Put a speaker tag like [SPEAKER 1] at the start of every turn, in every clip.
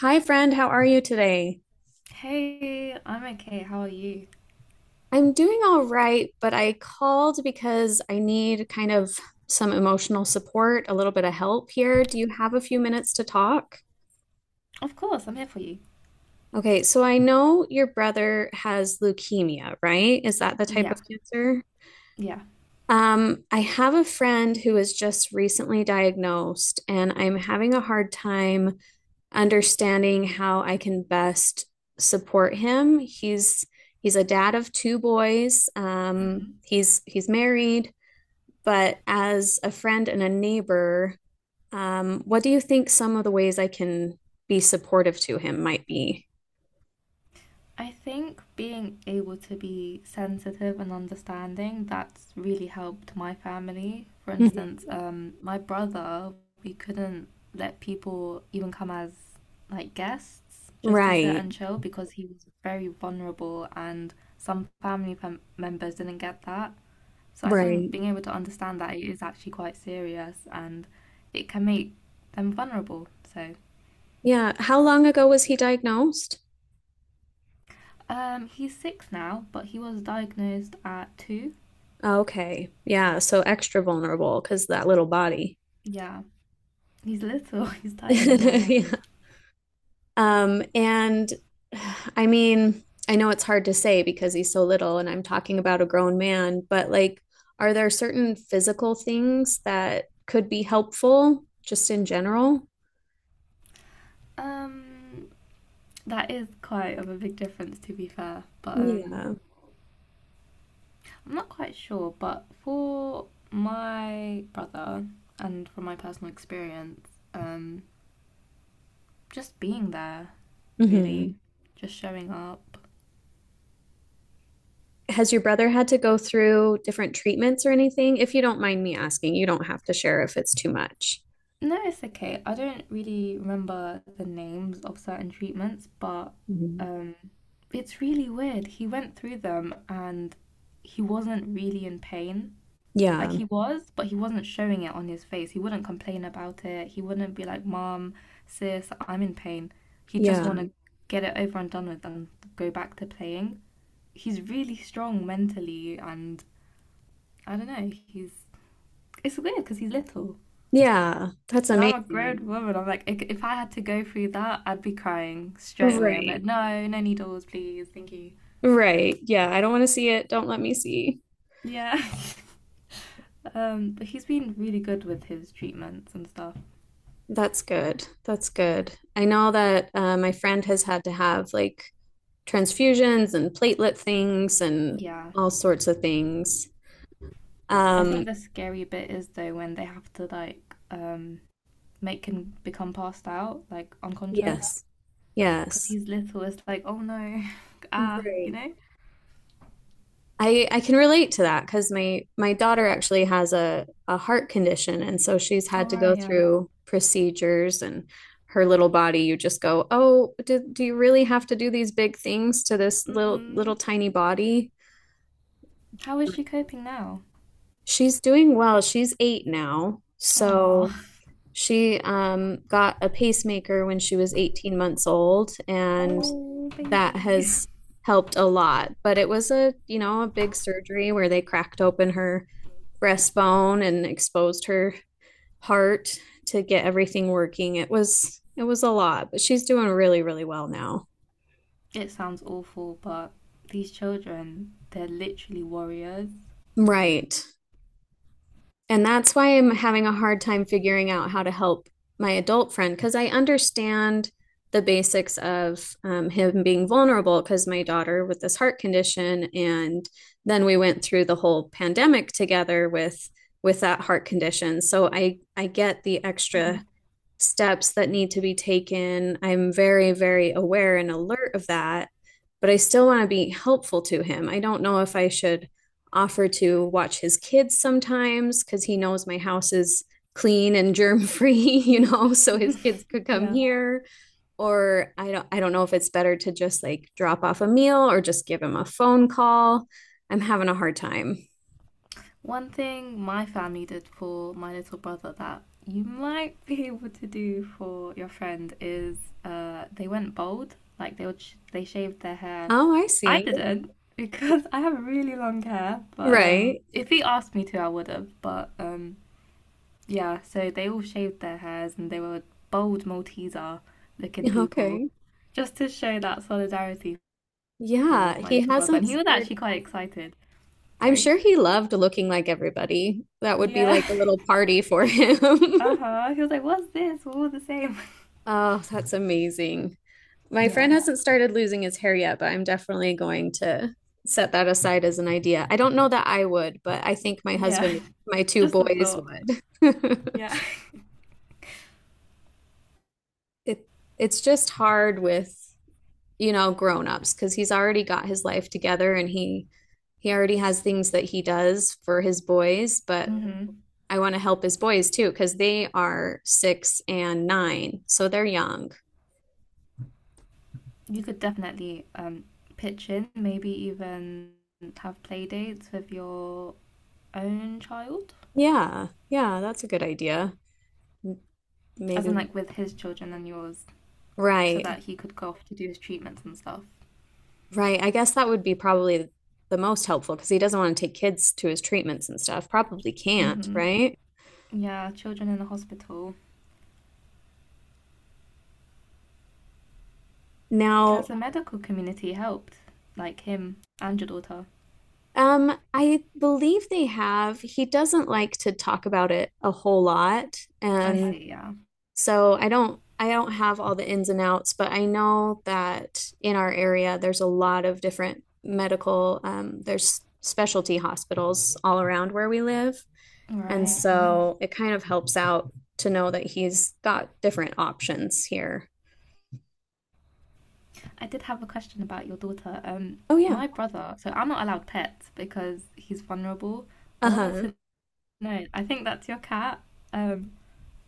[SPEAKER 1] Hi, friend. How are you today?
[SPEAKER 2] Hey, I'm okay. How are you?
[SPEAKER 1] I'm doing all right, but I called because I need kind of some emotional support, a little bit of help here. Do you have a few minutes to talk?
[SPEAKER 2] Of course, I'm here for you.
[SPEAKER 1] Okay, so I know your brother has leukemia, right? Is that the type of
[SPEAKER 2] Yeah,
[SPEAKER 1] cancer?
[SPEAKER 2] yeah.
[SPEAKER 1] I have a friend who was just recently diagnosed, and I'm having a hard time understanding how I can best support him. He's a dad of two boys. Um,
[SPEAKER 2] hmm
[SPEAKER 1] he's he's married, but as a friend and a neighbor, what do you think some of the ways I can be supportive to him might be?
[SPEAKER 2] I think being able to be sensitive and understanding, that's really helped my family. For
[SPEAKER 1] Mhm.
[SPEAKER 2] instance, my brother, we couldn't let people even come as like guests just to sit
[SPEAKER 1] Right,
[SPEAKER 2] and chill because he was very vulnerable and some fam members didn't get that. So I
[SPEAKER 1] right.
[SPEAKER 2] think being able to understand that it is actually quite serious and it can make them vulnerable. So
[SPEAKER 1] Yeah. How long ago was he diagnosed?
[SPEAKER 2] he's 6 now, but he was diagnosed at 2.
[SPEAKER 1] Okay. Yeah. So extra vulnerable because that little body.
[SPEAKER 2] Yeah, he's little, he's tiny. Yeah.
[SPEAKER 1] Yeah. And I mean, I know it's hard to say because he's so little and I'm talking about a grown man, but like, are there certain physical things that could be helpful just in general?
[SPEAKER 2] Um, that is quite of a big difference to be fair, but
[SPEAKER 1] Yeah.
[SPEAKER 2] I'm not quite sure. But for my brother and from my personal experience, um, just being there
[SPEAKER 1] Hmm.
[SPEAKER 2] really, just showing up.
[SPEAKER 1] Has your brother had to go through different treatments or anything? If you don't mind me asking, you don't have to share if it's too much.
[SPEAKER 2] No, it's okay. I don't really remember the names of certain treatments, but
[SPEAKER 1] Mhm.
[SPEAKER 2] um, it's really weird. He went through them and he wasn't really in pain. Like
[SPEAKER 1] Yeah.
[SPEAKER 2] he was, but he wasn't showing it on his face. He wouldn't complain about it. He wouldn't be like, Mom, sis, I'm in pain. He just want
[SPEAKER 1] Yeah.
[SPEAKER 2] to get it over and done with and go back to playing. He's really strong mentally, and I don't know. He's it's weird because he's little.
[SPEAKER 1] Yeah. That's
[SPEAKER 2] And I'm a grown
[SPEAKER 1] amazing.
[SPEAKER 2] woman. I'm like, if I had to go through that, I'd be crying straight away. I'd be like,
[SPEAKER 1] Right.
[SPEAKER 2] no, no needles, please, thank you.
[SPEAKER 1] Right. Yeah. I don't want to see it. Don't let me see.
[SPEAKER 2] Yeah. But he's been really good with his treatments and stuff.
[SPEAKER 1] That's good. That's good. I know that my friend has had to have like transfusions and platelet things and
[SPEAKER 2] Yeah.
[SPEAKER 1] all sorts of things.
[SPEAKER 2] I
[SPEAKER 1] Um,
[SPEAKER 2] think the scary bit is though when they have to like make him become passed out, like unconscious,
[SPEAKER 1] yes,
[SPEAKER 2] because
[SPEAKER 1] yes.
[SPEAKER 2] he's little. It's like, oh no, ah, you
[SPEAKER 1] Right.
[SPEAKER 2] know.
[SPEAKER 1] I can relate to that because my daughter actually has a heart condition, and so she's had
[SPEAKER 2] All
[SPEAKER 1] to
[SPEAKER 2] right,
[SPEAKER 1] go
[SPEAKER 2] yeah.
[SPEAKER 1] through procedures and her little body. You just go, oh, do you really have to do these big things to this little
[SPEAKER 2] Mhm.
[SPEAKER 1] little tiny body?
[SPEAKER 2] How is she coping now?
[SPEAKER 1] She's doing well. She's eight now.
[SPEAKER 2] Aw.
[SPEAKER 1] So she got a pacemaker when she was 18 months old, and
[SPEAKER 2] Oh,
[SPEAKER 1] that
[SPEAKER 2] baby.
[SPEAKER 1] has helped a lot. But it was a, you know, a big surgery where they cracked open her breastbone and exposed her heart to get everything working. It was a lot, but she's doing really, really well now.
[SPEAKER 2] It sounds awful, but these children, they're literally warriors.
[SPEAKER 1] Right. And that's why I'm having a hard time figuring out how to help my adult friend because I understand the basics of him being vulnerable because my daughter with this heart condition, and then we went through the whole pandemic together with that heart condition. So I get the
[SPEAKER 2] Mhm.
[SPEAKER 1] extra steps that need to be taken. I'm very, very aware and alert of that, but I still want to be helpful to him. I don't know if I should offer to watch his kids sometimes because he knows my house is clean and germ free, you know, so his kids could come
[SPEAKER 2] Yeah.
[SPEAKER 1] here. Or I don't know if it's better to just like drop off a meal or just give him a phone call. I'm having a hard time.
[SPEAKER 2] One thing my family did for my little brother that you might be able to do for your friend is they went bald. Like they would sh they shaved their hair.
[SPEAKER 1] Oh, I
[SPEAKER 2] I
[SPEAKER 1] see.
[SPEAKER 2] didn't because I have really long hair, but
[SPEAKER 1] Right.
[SPEAKER 2] if he asked me to, I would have, but yeah, so they all shaved their hairs and they were bold Malteser looking
[SPEAKER 1] Yeah,
[SPEAKER 2] people
[SPEAKER 1] okay.
[SPEAKER 2] just to show that solidarity for
[SPEAKER 1] Yeah,
[SPEAKER 2] my
[SPEAKER 1] he
[SPEAKER 2] little brother.
[SPEAKER 1] hasn't
[SPEAKER 2] And he was actually
[SPEAKER 1] started.
[SPEAKER 2] quite excited.
[SPEAKER 1] I'm
[SPEAKER 2] Sorry?
[SPEAKER 1] sure he loved looking like everybody. That would be
[SPEAKER 2] Yeah.
[SPEAKER 1] like a little party for him.
[SPEAKER 2] Uh huh. He was like, what's this? We're all the same.
[SPEAKER 1] Oh, that's amazing. My
[SPEAKER 2] Yeah.
[SPEAKER 1] friend hasn't started losing his hair yet, but I'm definitely going to set that aside as an idea. I don't know that I would, but I think my
[SPEAKER 2] Yeah.
[SPEAKER 1] husband, and my two
[SPEAKER 2] Just a
[SPEAKER 1] boys
[SPEAKER 2] thought.
[SPEAKER 1] would.
[SPEAKER 2] Yeah.
[SPEAKER 1] It it's just hard with, you know, grown-ups because he's already got his life together and he already has things that he does for his boys, but
[SPEAKER 2] hmm
[SPEAKER 1] I want to help his boys too, because they are six and nine, so they're young.
[SPEAKER 2] You could definitely pitch in, maybe even have play dates with your own child,
[SPEAKER 1] Yeah, yeah, that's a good idea. M-
[SPEAKER 2] as
[SPEAKER 1] Maybe
[SPEAKER 2] in
[SPEAKER 1] we,
[SPEAKER 2] like with his children and yours, so
[SPEAKER 1] right,
[SPEAKER 2] that he could go off to do his treatments and stuff.
[SPEAKER 1] right. I guess that would be probably the most helpful because he doesn't want to take kids to his treatments and stuff. Probably can't,
[SPEAKER 2] Hmm
[SPEAKER 1] right?
[SPEAKER 2] Yeah, children in the hospital.
[SPEAKER 1] Now,
[SPEAKER 2] Has the medical community helped? Like him and your daughter?
[SPEAKER 1] I believe they have, he doesn't like to talk about it a whole lot,
[SPEAKER 2] I
[SPEAKER 1] and
[SPEAKER 2] see, yeah.
[SPEAKER 1] so I don't have all the ins and outs, but I know that in our area there's a lot of different medical there's specialty hospitals all around where we live.
[SPEAKER 2] All
[SPEAKER 1] And
[SPEAKER 2] right,
[SPEAKER 1] so
[SPEAKER 2] nice.
[SPEAKER 1] it kind of helps out to know that he's got different options here.
[SPEAKER 2] I did have a question about your daughter.
[SPEAKER 1] Oh yeah.
[SPEAKER 2] My brother, so I'm not allowed pets because he's vulnerable. I wanted
[SPEAKER 1] Uh-huh.
[SPEAKER 2] to know, I think that's your cat. Um,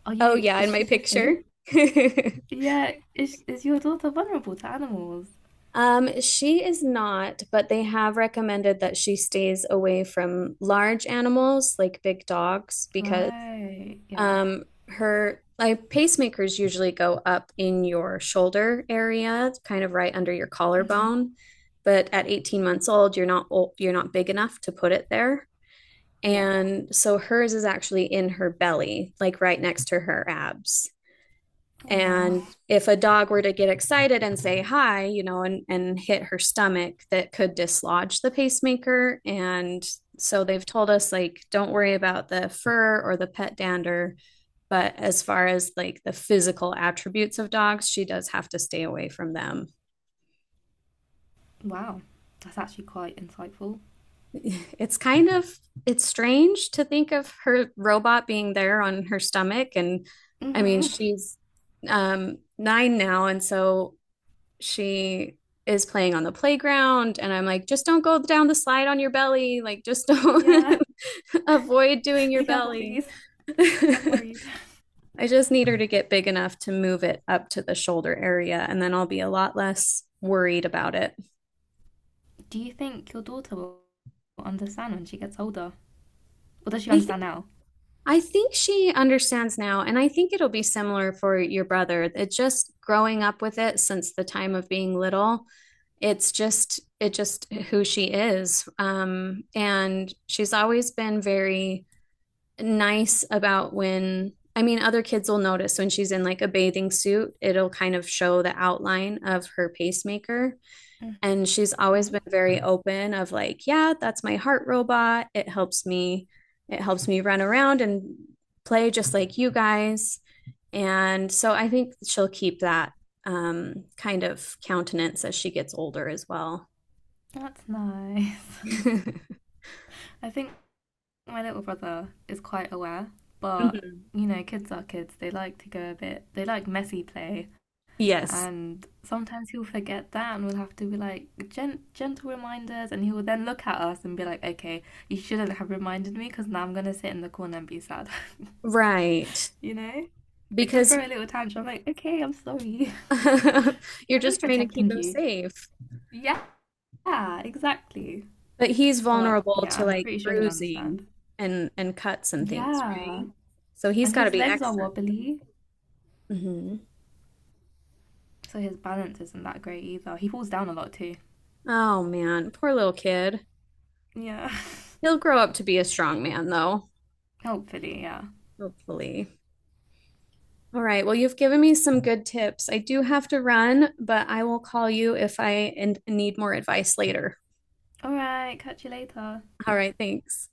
[SPEAKER 1] Oh yeah, in
[SPEAKER 2] is
[SPEAKER 1] my
[SPEAKER 2] she the same?
[SPEAKER 1] picture.
[SPEAKER 2] Yeah, is your daughter vulnerable to animals?
[SPEAKER 1] She is not, but they have recommended that she stays away from large animals like big dogs because
[SPEAKER 2] Right, yeah.
[SPEAKER 1] Um, her like pacemakers usually go up in your shoulder area, kind of right under your
[SPEAKER 2] Mm-hmm.
[SPEAKER 1] collarbone. But at 18 months old, you're not big enough to put it there.
[SPEAKER 2] Yeah.
[SPEAKER 1] And so hers is actually in her belly, like right next to her abs,
[SPEAKER 2] Aw,
[SPEAKER 1] and if a dog were to get excited and say hi, you know, and hit her stomach, that could dislodge the pacemaker, and so they've told us, like, don't worry about the fur or the pet dander, but as far as like the physical attributes of dogs, she does have to stay away from them.
[SPEAKER 2] wow. That's actually quite insightful.
[SPEAKER 1] It's kind of it's strange to think of her robot being there on her stomach, and I mean
[SPEAKER 2] Mm-hmm.
[SPEAKER 1] she's nine now, and so she is playing on the playground, and I'm like, just don't go down the slide on your belly. Like, just
[SPEAKER 2] Yeah.
[SPEAKER 1] don't avoid doing your
[SPEAKER 2] Be careful,
[SPEAKER 1] belly.
[SPEAKER 2] please. I'm worried.
[SPEAKER 1] I just need her to get big enough to move it up to the shoulder area, and then I'll be a lot less worried about it.
[SPEAKER 2] Do you think your daughter will understand when she gets older? Or does she
[SPEAKER 1] I think
[SPEAKER 2] understand now?
[SPEAKER 1] I think she understands now, and I think it'll be similar for your brother. It's just growing up with it since the time of being little, it's just it just who she is, and she's always been very nice about when I mean other kids will notice when she's in like a bathing suit, it'll kind of show the outline of her pacemaker, and she's always
[SPEAKER 2] Hmm
[SPEAKER 1] been very open of like, yeah, that's my heart robot, it helps me, it helps me run around and play just like you guys, and so I think she'll keep that kind of countenance as she gets older as well.
[SPEAKER 2] That's nice. I think my little brother is quite aware, but
[SPEAKER 1] Mhm.
[SPEAKER 2] you know, kids are kids. They like to go a bit, they like messy play.
[SPEAKER 1] Yes,
[SPEAKER 2] And sometimes he'll forget that, and we'll have to be like gentle reminders. And he will then look at us and be like, okay, you shouldn't have reminded me because now I'm going to sit in the corner and be sad.
[SPEAKER 1] right.
[SPEAKER 2] you know? Like, he'll
[SPEAKER 1] Because he,
[SPEAKER 2] throw a little tantrum, I'm like, okay, I'm sorry.
[SPEAKER 1] you're
[SPEAKER 2] I'm just
[SPEAKER 1] just trying to keep
[SPEAKER 2] protecting
[SPEAKER 1] him
[SPEAKER 2] you.
[SPEAKER 1] safe.
[SPEAKER 2] Yeah, exactly.
[SPEAKER 1] But he's
[SPEAKER 2] But
[SPEAKER 1] vulnerable
[SPEAKER 2] yeah,
[SPEAKER 1] to
[SPEAKER 2] I'm
[SPEAKER 1] like
[SPEAKER 2] pretty sure he'll understand.
[SPEAKER 1] bruising and cuts and things,
[SPEAKER 2] Yeah.
[SPEAKER 1] right? So he's
[SPEAKER 2] And
[SPEAKER 1] got to
[SPEAKER 2] his
[SPEAKER 1] be
[SPEAKER 2] legs are
[SPEAKER 1] extra.
[SPEAKER 2] wobbly,
[SPEAKER 1] Hmm.
[SPEAKER 2] so his balance isn't that great either. He falls down a lot too.
[SPEAKER 1] Oh man, poor little kid.
[SPEAKER 2] Yeah.
[SPEAKER 1] He'll grow up to be a strong man though,
[SPEAKER 2] Hopefully, yeah.
[SPEAKER 1] hopefully. All right. Well, you've given me some good tips. I do have to run, but I will call you if I and need more advice later.
[SPEAKER 2] All right, catch you later.
[SPEAKER 1] All right, thanks.